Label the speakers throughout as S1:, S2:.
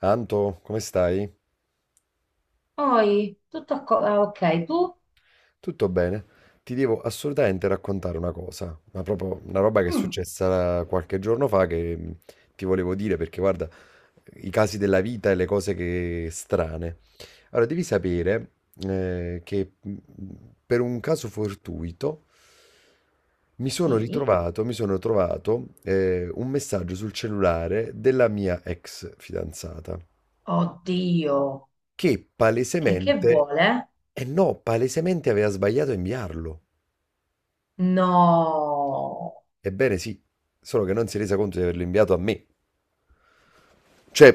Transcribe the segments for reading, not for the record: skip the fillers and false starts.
S1: Anto, come stai?
S2: Poi, tutto a co- ah, ok, tu?
S1: Tutto bene? Ti devo assolutamente raccontare una cosa, ma proprio una roba che è
S2: Mm,
S1: successa qualche giorno fa che ti volevo dire perché guarda, i casi della vita e le cose che strane. Allora, devi sapere che per un caso fortuito
S2: sì.
S1: mi sono trovato un messaggio sul cellulare della mia ex fidanzata
S2: Oddio.
S1: che
S2: E che
S1: palesemente,
S2: vuole?
S1: eh no, palesemente aveva sbagliato a inviarlo.
S2: No.
S1: Ebbene sì, solo che non si è resa conto di averlo inviato a me. Cioè,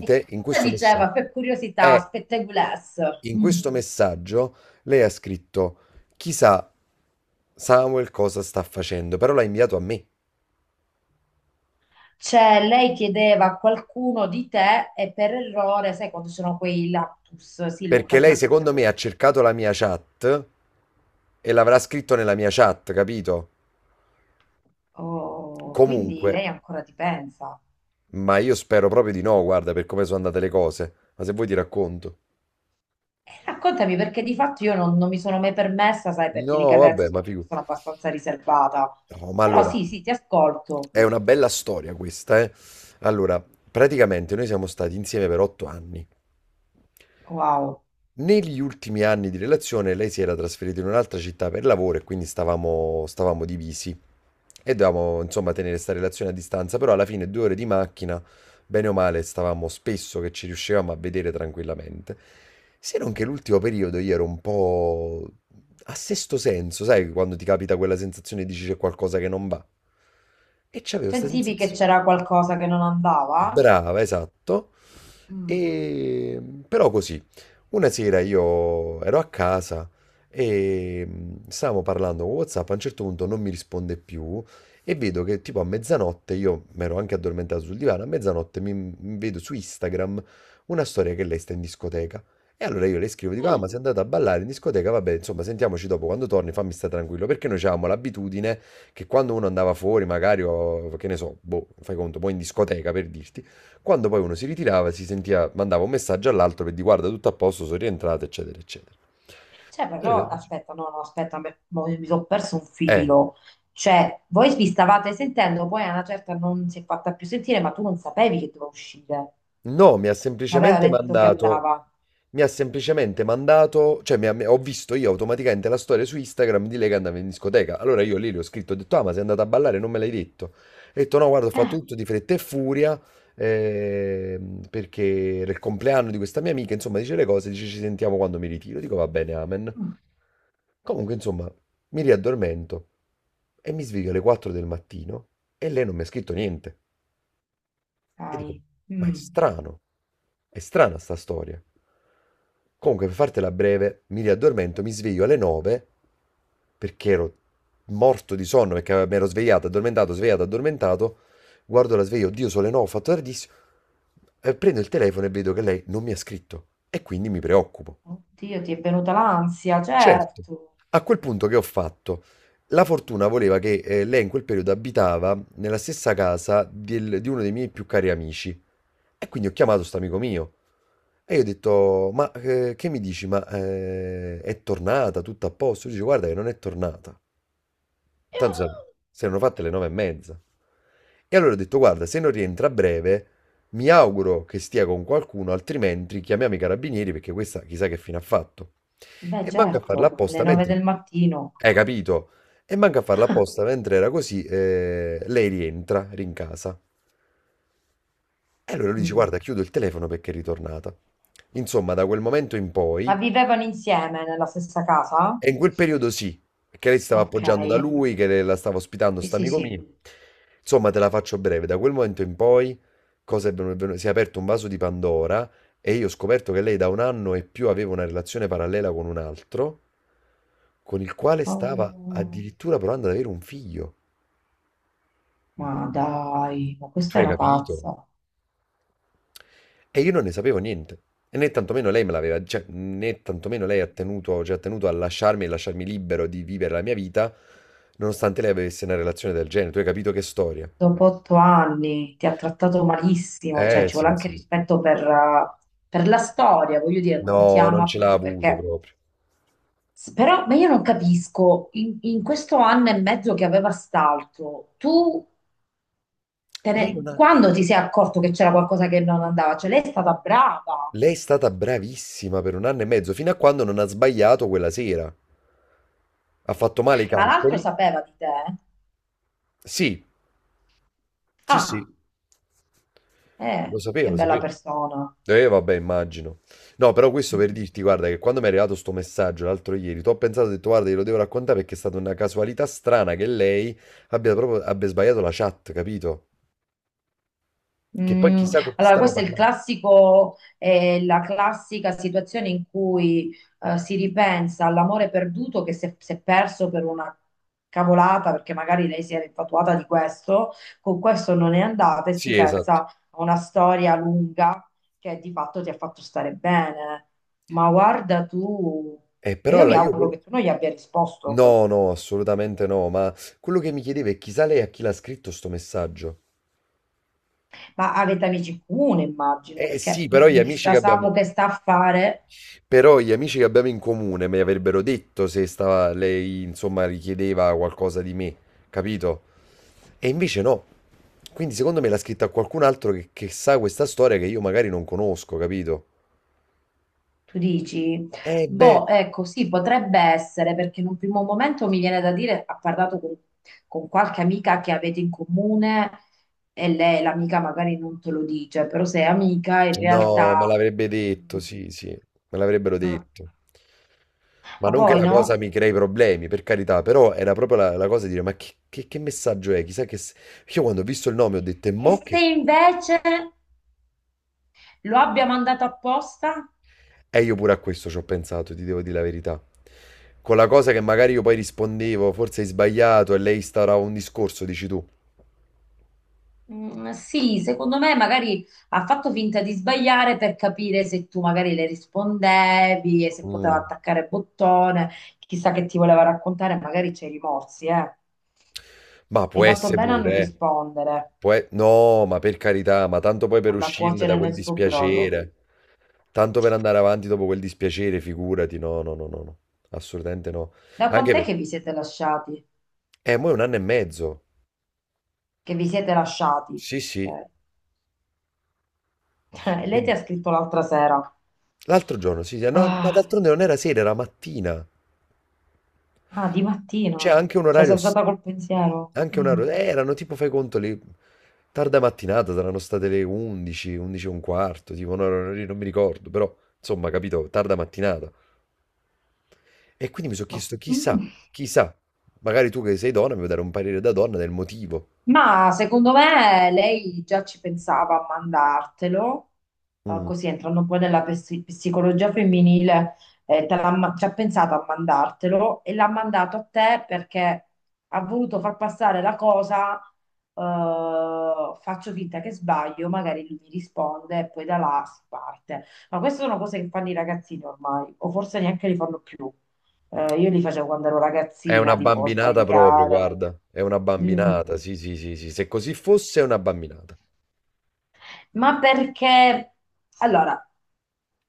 S2: E che cosa diceva? Per curiosità,
S1: eh,
S2: spetteguless.
S1: in
S2: Mm.
S1: questo messaggio lei ha scritto: chissà Samuel cosa sta facendo, però l'ha inviato a me.
S2: Cioè, lei chiedeva a qualcuno di te e per errore, sai quando sono quei lapsus? Sì, lo
S1: Perché lei, secondo
S2: capisco.
S1: me, ha cercato la mia chat e l'avrà scritto nella mia chat, capito?
S2: Oh, quindi
S1: Comunque,
S2: lei ancora ti pensa.
S1: ma io spero proprio di no, guarda, per come sono andate le cose. Ma se vuoi ti racconto.
S2: E raccontami perché di fatto io non mi sono mai permessa, sai, per
S1: No,
S2: delicatezza,
S1: vabbè,
S2: sono
S1: ma
S2: una
S1: figurati.
S2: persona abbastanza riservata.
S1: No, ma
S2: Però
S1: allora,
S2: sì, sì, ti ascolto.
S1: è una bella storia questa, eh. Allora, praticamente noi siamo stati insieme per 8 anni.
S2: Wow.
S1: Negli ultimi anni di relazione lei si era trasferita in un'altra città per lavoro e quindi stavamo divisi e dovevamo insomma tenere sta relazione a distanza, però alla fine 2 ore di macchina, bene o male, stavamo spesso che ci riuscivamo a vedere tranquillamente. Se non che l'ultimo periodo io ero un po' a sesto senso, sai, quando ti capita quella sensazione e dici c'è qualcosa che non va. E c'avevo questa
S2: Sentivi che
S1: sensazione.
S2: c'era qualcosa che non andava?
S1: Brava, esatto.
S2: Mm.
S1: E, però così, una sera io ero a casa e stavamo parlando con WhatsApp, a un certo punto non mi risponde più e vedo che tipo a mezzanotte, io mi ero anche addormentato sul divano, a mezzanotte mi vedo su Instagram una storia che lei sta in discoteca. E allora io le scrivo, dico, ah ma
S2: Mm.
S1: sei andata a ballare in discoteca, vabbè, insomma, sentiamoci dopo, quando torni fammi stare tranquillo, perché noi avevamo l'abitudine che quando uno andava fuori, magari, o, che ne so, boh, fai conto, poi in discoteca per dirti, quando poi uno si ritirava, si sentiva, mandava un messaggio all'altro per dire guarda tutto a posto, sono rientrato, eccetera, eccetera.
S2: Cioè,
S1: E allora
S2: però,
S1: dici,
S2: aspetta, no, no, aspetta, me- mo- mi sono perso un
S1: eh.
S2: filo. Cioè, voi vi stavate sentendo, poi a una certa non si è fatta più sentire, ma tu non sapevi che doveva uscire.
S1: No,
S2: Aveva detto che andava.
S1: mi ha semplicemente mandato, cioè ho visto io automaticamente la storia su Instagram di lei che andava in discoteca. Allora io lì le ho scritto, ho detto, ah, ma sei andata a ballare, non me l'hai detto. Ho detto, no, guarda, ho fatto
S2: Eh,
S1: tutto di fretta e furia, perché era il compleanno di questa mia amica, insomma, dice le cose, dice ci sentiamo quando mi ritiro. Dico, va bene, amen.
S2: mm,
S1: Comunque, insomma, mi riaddormento e mi sveglio alle 4 del mattino e lei non mi ha scritto niente. E dico,
S2: dai.
S1: ma è
S2: Mm.
S1: strano, è strana sta storia. Comunque, per fartela breve, mi riaddormento, mi sveglio alle 9 perché ero morto di sonno, perché mi ero svegliato, addormentato, svegliato, addormentato. Guardo la sveglia, oddio, sono le 9, ho fatto tardissimo. Prendo il telefono e vedo che lei non mi ha scritto e quindi mi preoccupo.
S2: Oddio, ti è venuta l'ansia,
S1: Certo.
S2: certo.
S1: A quel punto che ho fatto? La fortuna voleva che lei in quel periodo abitava nella stessa casa di uno dei miei più cari amici. E quindi ho chiamato sto amico mio e io ho detto: ma che mi dici? Ma è tornata tutto a posto? Lui dice: guarda che non è tornata. Tanto sa- si erano fatte le 9:30. E allora ho detto, guarda, se non rientra a breve, mi auguro che stia con qualcuno, altrimenti chiamiamo i carabinieri perché questa chissà che fine ha fatto.
S2: Beh,
S1: E manca a farla
S2: certo, alle
S1: apposta
S2: nove
S1: mentre...
S2: del mattino.
S1: Hai capito? E manca a farla apposta mentre era così, lei rientra, rincasa. E allora lui dice,
S2: Mm.
S1: guarda, chiudo il telefono perché è ritornata. Insomma, da quel momento in
S2: Ma
S1: poi
S2: vivevano insieme nella stessa casa?
S1: e in quel periodo sì, perché lei si stava
S2: Ok.
S1: appoggiando da lui, la stava ospitando,
S2: Sì,
S1: sta
S2: sì,
S1: amico
S2: sì.
S1: mio. Insomma, te la faccio breve, da quel momento in poi cosa è venu- si è aperto un vaso di Pandora e io ho scoperto che lei da un anno e più aveva una relazione parallela con un altro, con il quale stava
S2: Oh,
S1: addirittura provando ad avere un figlio.
S2: ma dai, ma
S1: Tu
S2: questa è
S1: hai
S2: una
S1: capito?
S2: pazza.
S1: E io non ne sapevo niente. E né tantomeno lei me l'aveva, cioè, né tantomeno lei ha tenuto, cioè, ha tenuto a lasciarmi e lasciarmi libero di vivere la mia vita, nonostante lei avesse una relazione del genere. Tu hai capito che storia?
S2: Dopo otto anni ti ha trattato malissimo, cioè ci vuole
S1: Sì,
S2: anche
S1: sì.
S2: rispetto per la storia, voglio dire, non ti
S1: No, non ce
S2: ama
S1: l'ha
S2: più
S1: avuto
S2: perché...
S1: proprio.
S2: S- Però, ma io non capisco, in questo anno e mezzo che aveva st'altro, tu te
S1: Lei non
S2: ne-
S1: ha...
S2: quando ti sei accorto che c'era qualcosa che non andava? Cioè lei è stata brava,
S1: Lei è stata bravissima per un anno e mezzo, fino a quando non ha sbagliato quella sera. Ha fatto male i
S2: ma l'altro
S1: calcoli.
S2: sapeva di te?
S1: Sì, sì, sì,
S2: Ah,
S1: lo sapevo,
S2: che
S1: lo
S2: bella
S1: sapevo.
S2: persona.
S1: Vabbè, immagino. No, però questo per dirti, guarda, che quando mi è arrivato sto messaggio l'altro ieri, tu ho pensato, ho detto, guarda, glielo devo raccontare perché è stata una casualità strana che lei abbia sbagliato la chat, capito? Che poi
S2: Mm,
S1: chissà con chi
S2: allora,
S1: stava
S2: questo è il
S1: parlando.
S2: classico, la classica situazione in cui si ripensa all'amore perduto che si è perso per una cavolata, perché magari lei si era infatuata di questo, con questo non è andata e si
S1: Sì, esatto.
S2: pensa a una storia lunga che di fatto ti ha fatto stare bene. Ma guarda tu, e
S1: Però
S2: io mi
S1: la io...
S2: auguro
S1: quello-
S2: che tu non gli abbia risposto,
S1: No, no, assolutamente no, ma quello che mi chiedevo è chissà lei a chi l'ha scritto sto messaggio.
S2: ma avete amici in comune, immagino,
S1: Eh
S2: perché
S1: sì, però gli amici
S2: chissà
S1: che abbiamo...
S2: Samu che sta a fare.
S1: Però gli amici che abbiamo in comune mi avrebbero detto se stava, lei, insomma, richiedeva qualcosa di me, capito? E invece no. Quindi secondo me l'ha scritta qualcun altro che sa questa storia che io magari non conosco, capito?
S2: Tu dici?
S1: Mm, beh,
S2: Boh, ecco, sì, potrebbe essere, perché in un primo momento mi viene da dire, ha parlato con qualche amica che avete in comune e lei, l'amica magari non te lo dice, però sei amica in
S1: no, me
S2: realtà...
S1: l'avrebbe detto,
S2: Mm,
S1: sì, sì, me l'avrebbero
S2: mm.
S1: detto. Ma
S2: Ma
S1: non che
S2: poi
S1: la cosa
S2: no?
S1: mi crei problemi, per carità, però era proprio la cosa di dire, ma che messaggio è? Chissà che... se-" Io quando ho visto il nome ho detto, e
S2: E
S1: mo
S2: se
S1: che...
S2: invece lo abbia mandato apposta?
S1: E io pure a questo ci ho pensato, ti devo dire la verità. Con la cosa che magari io poi rispondevo, forse hai sbagliato e lei starà un discorso, dici tu.
S2: Mm, sì, secondo me magari ha fatto finta di sbagliare per capire se tu magari le rispondevi e se poteva
S1: Mm.
S2: attaccare bottone, chissà che ti voleva raccontare, magari c'è i rimorsi, eh.
S1: Ma
S2: Hai
S1: può
S2: fatto
S1: essere
S2: bene a non
S1: pure, eh.
S2: rispondere,
S1: No, ma per carità, ma tanto poi per
S2: alla
S1: uscirne da
S2: cuocere
S1: quel
S2: nel suo brodo.
S1: dispiacere, tanto per andare avanti dopo quel dispiacere, figurati, no, no, no, no, no, assolutamente no.
S2: Da
S1: Anche
S2: quant'è che
S1: perché,
S2: vi siete lasciati?
S1: mo è un anno e mezzo,
S2: Che vi siete lasciati?
S1: sì, sì.
S2: Ok. Lei ti
S1: Quindi...
S2: ha scritto l'altra sera.
S1: l'altro giorno, sì, sì, no, ma
S2: Ah,
S1: d'altronde non era sera, era mattina.
S2: ah, di mattina.
S1: C'è anche un
S2: Cioè, sei
S1: orario, s-
S2: alzata col pensiero.
S1: anche un
S2: Mm.
S1: orario, erano tipo, fai conto, saranno state le 11, 11 e un quarto, tipo, no, no, no, non mi ricordo, però, insomma, capito, tarda mattinata. E quindi mi sono chiesto, chissà,
S2: Mm.
S1: chissà, magari tu che sei donna mi vuoi dare un parere da donna del motivo.
S2: Ma secondo me lei già ci pensava a mandartelo,
S1: Mm.
S2: così entrando poi nella psi- psicologia femminile, te l'ha ma- ci ha pensato a mandartelo e l'ha mandato a te perché ha voluto far passare la cosa, faccio finta che sbaglio, magari lui mi risponde e poi da là si parte. Ma queste sono cose che fanno i ragazzini ormai, o forse neanche li fanno più. Io li facevo quando ero
S1: È
S2: ragazzina,
S1: una
S2: tipo
S1: bambinata proprio,
S2: sbagliare.
S1: guarda, è una
S2: Mm.
S1: bambinata, sì, sì, sì, sì, se così fosse è una bambinata.
S2: Ma perché, allora,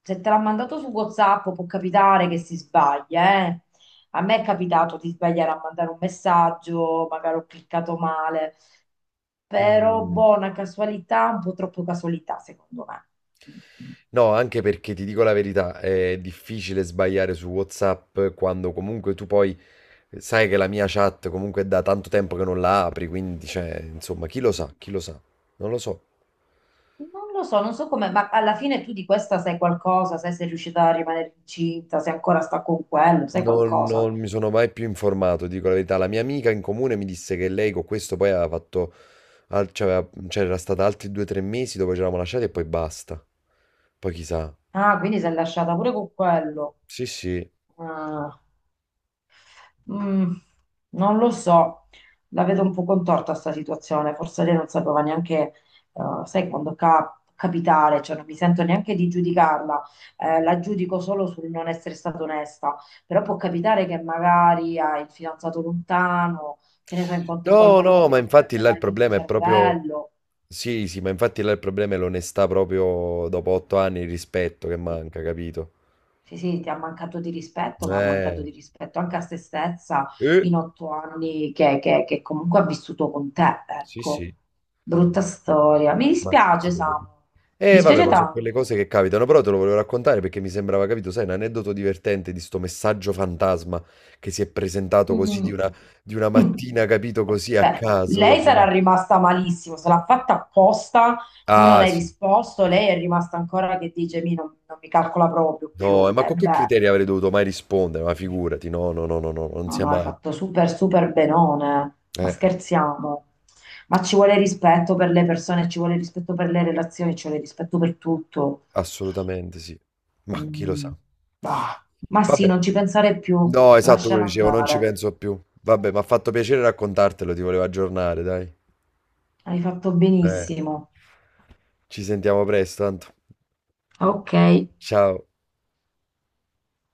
S2: se te l'ha mandato su WhatsApp può capitare che si sbaglia, eh. A me è capitato di sbagliare a mandare un messaggio, magari ho cliccato male, però
S1: Mm.
S2: buona casualità, un po' troppo casualità, secondo me. Mm.
S1: No, anche perché ti dico la verità, è difficile sbagliare su WhatsApp quando comunque tu poi sai che la mia chat comunque è da tanto tempo che non la apri, quindi cioè, insomma,
S2: Mhm.
S1: chi lo sa, non lo so.
S2: Non lo so, non so come, ma alla fine tu di questa sai qualcosa, sai se è riuscita a rimanere incinta, se ancora sta con quello, sai
S1: Non,
S2: qualcosa.
S1: non mi sono mai più informato, dico la verità. La mia amica in comune mi disse che lei con questo poi aveva fatto, al- cioè, aveva- c'era stata altri 2 o 3 mesi dove ci eravamo lasciati e poi basta. Poi chissà.
S2: Ah, quindi si è lasciata pure con quello.
S1: Sì, sì.
S2: Ah. Mm, non lo so, la vedo un po' contorta sta situazione, forse lei non sapeva neanche, sai, quando cap- capitare, cioè non mi sento neanche di giudicarla, la giudico solo sul non essere stata onesta, però può capitare che magari hai il fidanzato lontano, che ne so, incontri
S1: No,
S2: qualcuno
S1: no,
S2: che
S1: ma
S2: ti
S1: infatti
S2: prende un
S1: là il
S2: attimo il
S1: problema è proprio...
S2: cervello.
S1: Sì, sì, ma infatti là il problema è l'onestà proprio dopo 8 anni, il rispetto che
S2: Sì.
S1: manca, capito?
S2: Sì, sì, ti ha mancato di rispetto, ma ha mancato
S1: Eh,
S2: di rispetto anche a se stessa
S1: eh,
S2: in otto anni che comunque ha vissuto con te,
S1: sì,
S2: ecco.
S1: sì,
S2: Brutta storia. Mi
S1: ma che ti
S2: dispiace,
S1: devo
S2: Samu.
S1: dire?
S2: Mi
S1: Vabbè, sì,
S2: dispiace
S1: ma sono
S2: tanto.
S1: quelle cose che capitano, però te lo volevo raccontare perché mi sembrava, capito, sai, un aneddoto divertente di sto messaggio fantasma che si è presentato così
S2: Mm.
S1: di una
S2: Mm.
S1: mattina, capito, così a
S2: Beh,
S1: caso,
S2: lei
S1: dopo una...
S2: sarà rimasta malissimo, se l'ha fatta apposta, tu non
S1: Ah,
S2: hai
S1: sì.
S2: risposto, lei è rimasta ancora che dice, mi non, non mi calcola proprio
S1: No,
S2: più.
S1: ma
S2: E
S1: con che
S2: beh.
S1: criteri avrei dovuto mai rispondere? Ma figurati, no, no, no, no, no, non
S2: No,
S1: sia
S2: no, hai
S1: mai.
S2: fatto super, super benone, eh. Ma
S1: Eh.
S2: scherziamo. Ma ci vuole rispetto per le persone, ci vuole rispetto per le relazioni, ci vuole rispetto per tutto.
S1: Assolutamente sì. Ma chi lo
S2: Mm,
S1: sa.
S2: bah. Ma sì,
S1: Vabbè.
S2: non ci pensare più,
S1: No, esatto, quello
S2: lasciala
S1: dicevo, non ci
S2: andare.
S1: penso più. Vabbè, mi ha fatto piacere raccontartelo, ti volevo aggiornare, dai.
S2: Hai fatto
S1: Eh,
S2: benissimo.
S1: ci sentiamo presto, tanto.
S2: Ok.
S1: Ciao.